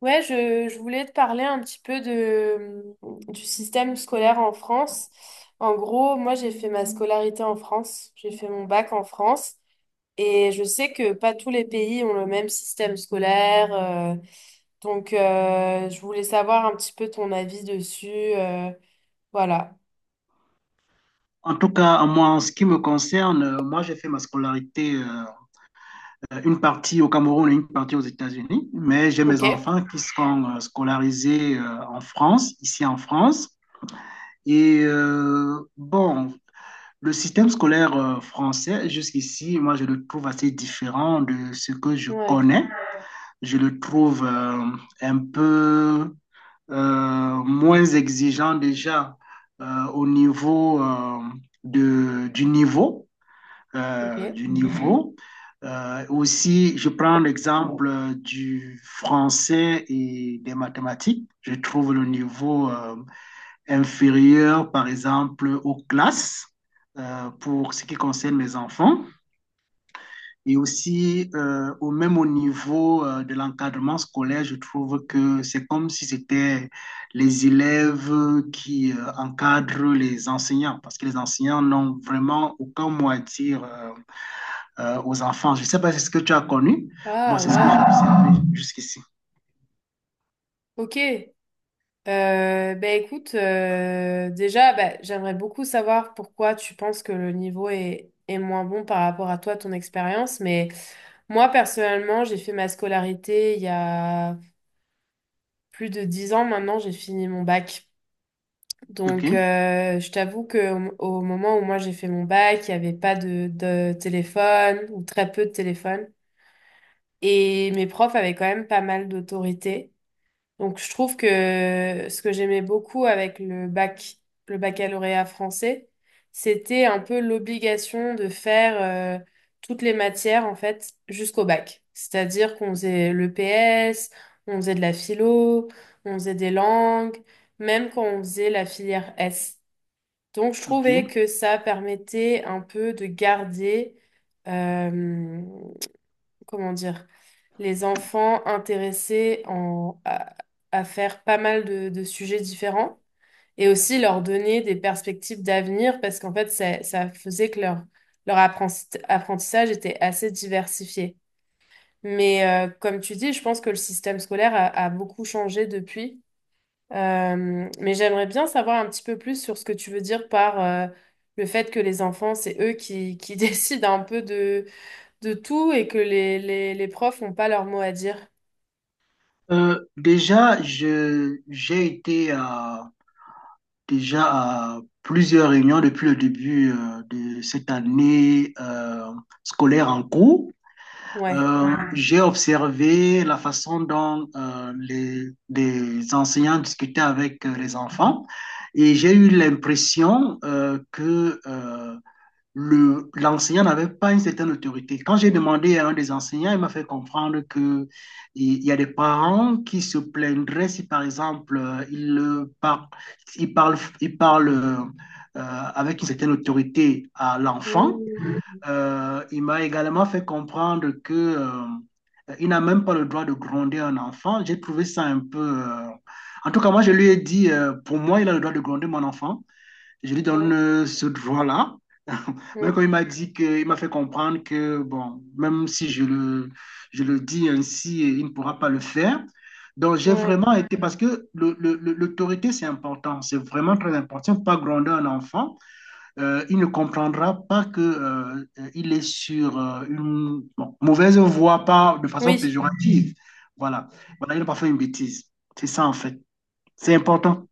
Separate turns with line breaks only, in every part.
Ouais, je voulais te parler un petit peu du système scolaire en France. En gros, moi, j'ai fait ma scolarité en France, j'ai fait mon bac en France, et je sais que pas tous les pays ont le même système scolaire. Donc, je voulais savoir un petit peu ton avis dessus. euh, voilà.
En tout cas, moi, en ce qui me concerne, moi, j'ai fait ma scolarité, une partie au Cameroun et une partie aux États-Unis, mais j'ai
Ok.
mes enfants qui sont scolarisés en France, ici en France. Et bon, le système scolaire français, jusqu'ici, moi, je le trouve assez différent de ce que je
Ouais,
connais. Je le trouve un peu moins exigeant déjà au niveau de, du niveau. euh,
ok.
du niveau. Aussi, je prends l'exemple du français et des mathématiques. Je trouve le niveau inférieur, par exemple, aux classes pour ce qui concerne les enfants. Et aussi, au même au niveau de l'encadrement scolaire, je trouve que c'est comme si c'était les élèves qui encadrent les enseignants, parce que les enseignants n'ont vraiment aucun mot à dire aux enfants. Je ne sais pas si c'est ce que tu as connu. Moi,
Ah,
c'est ce que
waouh.
j'ai observé jusqu'ici.
Ok. Ben écoute, déjà, ben, j'aimerais beaucoup savoir pourquoi tu penses que le niveau est moins bon par rapport à toi, ton expérience. Mais moi, personnellement, j'ai fait ma scolarité il y a plus de 10 ans maintenant, j'ai fini mon bac. Donc,
OK,
je t'avoue que au moment où moi j'ai fait mon bac, il n'y avait pas de téléphone ou très peu de téléphone. Et mes profs avaient quand même pas mal d'autorité. Donc, je trouve que ce que j'aimais beaucoup avec le bac, le baccalauréat français, c'était un peu l'obligation de faire toutes les matières, en fait, jusqu'au bac. C'est-à-dire qu'on faisait le PS, on faisait de la philo, on faisait des langues, même quand on faisait la filière S. Donc, je
OK.
trouvais que ça permettait un peu de garder euh, comment dire, les enfants intéressés à faire pas mal de sujets différents et aussi leur donner des perspectives d'avenir parce qu'en fait, ça faisait que leur apprentissage était assez diversifié. Mais comme tu dis, je pense que le système scolaire a beaucoup changé depuis. Mais j'aimerais bien savoir un petit peu plus sur ce que tu veux dire par le fait que les enfants, c'est eux qui décident un peu de tout et que les profs n'ont pas leur mot à dire.
Déjà, j'ai été déjà à plusieurs réunions depuis le début de cette année scolaire en cours.
Ouais.
J'ai observé la façon dont les enseignants discutaient avec les enfants et j'ai eu l'impression que le, l'enseignant n'avait pas une certaine autorité. Quand j'ai demandé à un des enseignants, il m'a fait comprendre que il y a des parents qui se plaindraient si, par exemple, ils, ils parlent, avec une certaine autorité à l'enfant.
Mmh.
Il m'a également fait comprendre que, il n'a même pas le droit de gronder un enfant. J'ai trouvé ça un peu... en tout cas, moi, je lui ai dit, pour moi, il a le droit de gronder mon enfant. Je lui
Ouais.
donne ce droit là. Mais
Mmh.
quand il m'a dit que, il m'a fait comprendre que, bon, même si je le, je le dis ainsi, il ne pourra pas le faire. Donc, j'ai
Ouais.
vraiment été, parce que l'autorité, c'est important, c'est vraiment très important. Il ne faut pas gronder un enfant. Il ne comprendra pas que il est sur une bon, mauvaise voie, pas de façon
Oui.
péjorative. Voilà, voilà, il n'a pas fait une bêtise. C'est ça, en fait. C'est important.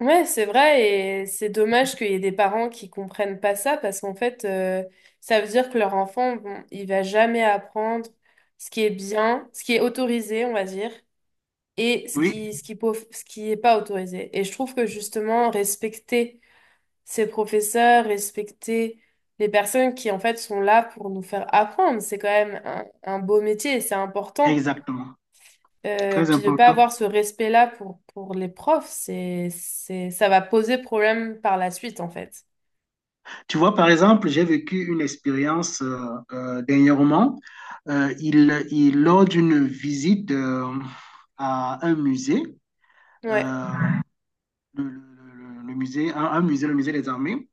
Ouais, c'est vrai et c'est dommage qu'il y ait des parents qui comprennent pas ça parce qu'en fait, ça veut dire que leur enfant, bon, il va jamais apprendre ce qui est bien, ce qui est autorisé, on va dire, et
Oui,
ce qui est pas autorisé. Et je trouve que justement, respecter ces professeurs, respecter les personnes qui en fait sont là pour nous faire apprendre. C'est quand même un beau métier et c'est important.
exactement. Très
Puis de pas
important.
avoir ce respect-là pour les profs, ça va poser problème par la suite en fait.
Tu vois, par exemple, j'ai vécu une expérience dernièrement. Lors d'une visite à un musée,
Ouais.
euh, le, le- musée, un musée, le musée des armées,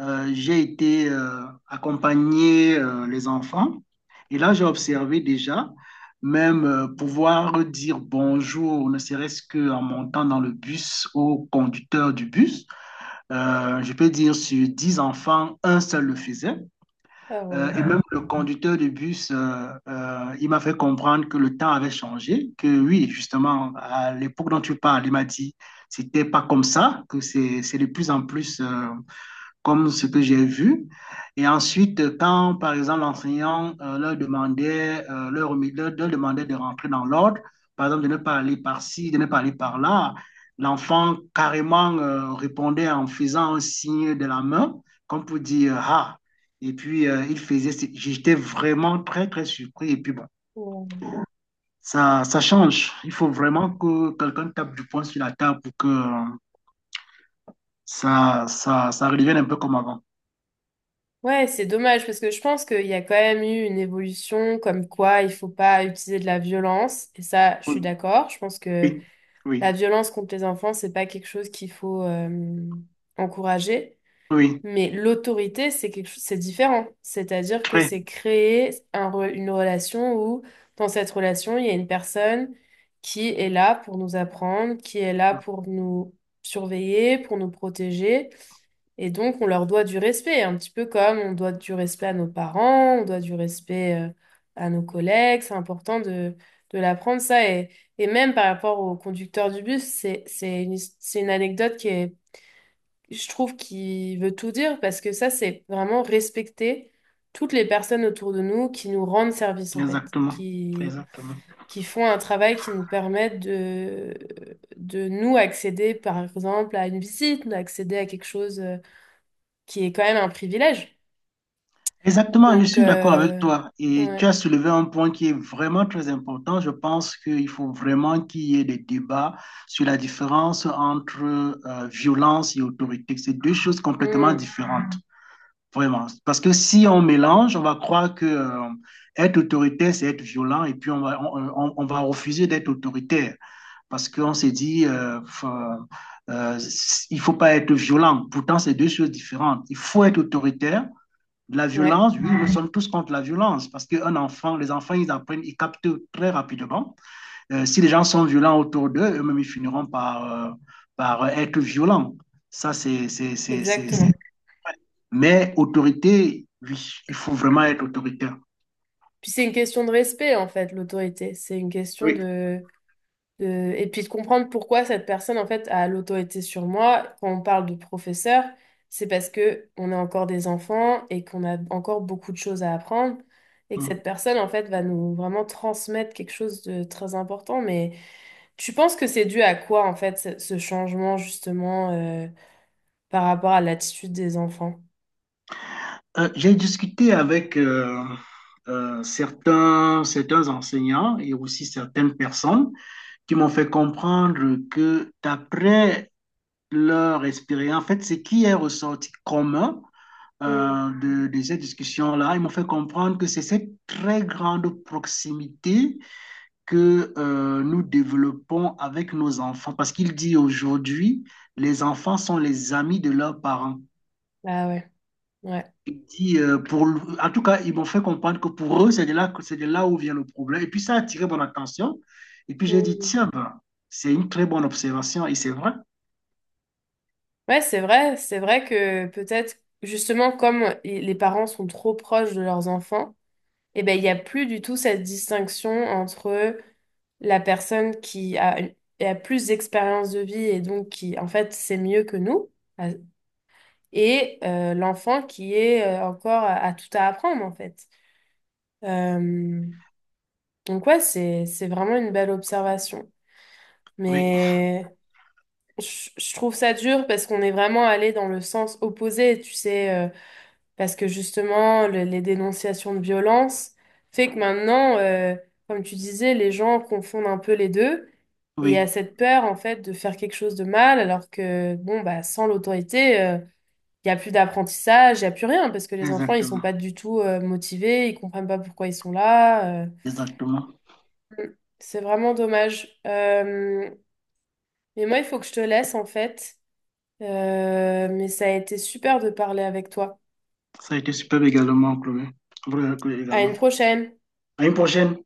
j'ai été accompagner les enfants. Et là, j'ai observé déjà, même pouvoir dire bonjour, ne serait-ce qu'en montant dans le bus au conducteur du bus. Je peux dire sur 10 enfants, un seul le faisait.
Alors,
Et même le conducteur de bus, il m'a fait comprendre que le temps avait changé, que oui, justement, à l'époque dont tu parles, il m'a dit, c'était pas comme ça, que c'est de plus en plus comme ce que j'ai vu. Et ensuite, quand, par exemple, l'enseignant leur demandait, leur demandait de rentrer dans l'ordre, par exemple, de ne pas aller par-ci, de ne pas aller par-là, l'enfant carrément répondait en faisant un signe de la main, comme pour dire «ah». Et puis, il faisait, j'étais vraiment très, très surpris. Et puis, bon,
euh,
ça change. Il faut vraiment que quelqu'un tape du poing sur la table pour que ça redevienne un peu comme avant.
ouais, c'est dommage parce que je pense qu'il y a quand même eu une évolution comme quoi il faut pas utiliser de la violence. Et ça, je suis
Oui,
d'accord. Je pense que
oui, oui.
la violence contre les enfants, c'est pas quelque chose qu'il faut encourager.
Oui,
Mais l'autorité, c'est quelque chose, c'est différent. C'est-à-dire que
très.
c'est créer une relation où, dans cette relation, il y a une personne qui est là pour nous apprendre, qui est là pour nous surveiller, pour nous protéger. Et donc, on leur doit du respect, un petit peu comme on doit du respect à nos parents, on doit du respect à nos collègues. C'est important de l'apprendre, ça. Et même par rapport au conducteur du bus, c'est c'est une anecdote je trouve qu'il veut tout dire parce que ça, c'est vraiment respecter toutes les personnes autour de nous qui nous rendent service, en fait,
Exactement. Exactement.
qui font un travail qui nous permet de nous accéder, par exemple, à une visite, d'accéder à quelque chose qui est quand même un privilège.
Exactement, je
Donc,
suis d'accord avec toi. Et tu
ouais.
as soulevé un point qui est vraiment très important. Je pense qu'il faut vraiment qu'il y ait des débats sur la différence entre violence et autorité. C'est deux choses complètement
Hmm.
différentes, vraiment. Parce que si on mélange, on va croire que être autoritaire, c'est être violent, et puis on va, on va refuser d'être autoritaire, parce qu'on s'est dit, euh, il ne faut pas être violent. Pourtant, c'est deux choses différentes. Il faut être autoritaire. La
Ouais,
violence, oui, nous sommes tous contre la violence parce qu'un enfant, les enfants, ils apprennent, ils captent très rapidement. Si les gens sont violents autour d'eux, eux-mêmes, ils finiront par, par être violents. Ça, c'est. C'est...
exactement.
Mais autorité, oui, il faut vraiment être autoritaire.
Puis c'est une question de respect, en fait, l'autorité. C'est une question
Oui.
de... et puis de comprendre pourquoi cette personne, en fait, a l'autorité sur moi. Quand on parle de professeur, c'est parce que on est encore des enfants et qu'on a encore beaucoup de choses à apprendre et que
Mmh.
cette personne, en fait, va nous vraiment transmettre quelque chose de très important. Mais tu penses que c'est dû à quoi, en fait, ce changement, justement, par rapport à l'attitude des enfants?
J'ai discuté avec certains enseignants et aussi certaines personnes qui m'ont fait comprendre que d'après leur expérience, en fait, ce qui est ressorti commun
Mm.
de ces discussions-là, ils m'ont fait comprendre que c'est cette très grande proximité que nous développons avec nos enfants. Parce qu'il dit aujourd'hui, les enfants sont les amis de leurs parents.
Ah ouais, ouais.
Il dit, pour, en tout cas, ils m'ont fait comprendre que pour eux, c'est de là, c'est de là où vient le problème. Et puis, ça a attiré mon attention. Et puis, j'ai dit,
Mm.
tiens, ben, c'est une très bonne observation. Et c'est vrai.
Ouais, c'est vrai que peut-être, justement, les parents sont trop proches de leurs enfants, eh ben, il n'y a plus du tout cette distinction entre la personne qui a plus d'expérience de vie et donc qui, en fait, sait mieux que nous, à- et l'enfant qui est encore à tout à apprendre, en fait. Euh, donc, ouais, c'est vraiment une belle observation.
Oui,
Mais je trouve ça dur parce qu'on est vraiment allé dans le sens opposé, tu sais. Parce que justement, les dénonciations de violence fait que maintenant, comme tu disais, les gens confondent un peu les deux. Et il y a
oui,
cette peur, en fait, de faire quelque chose de mal, alors que, bon, bah, sans l'autorité, il y n'y a plus d'apprentissage, il n'y a plus rien, parce que les enfants, ils sont
exactement.
pas du tout, motivés, ils comprennent pas pourquoi ils sont là.
Exactement.
Mm. C'est vraiment dommage. Mais moi, il faut que je te laisse, en fait. Mais ça a été super de parler avec toi.
Ça a été superbe également, Chloé. Vraiment, Chloé,
À
également.
une prochaine!
À une prochaine.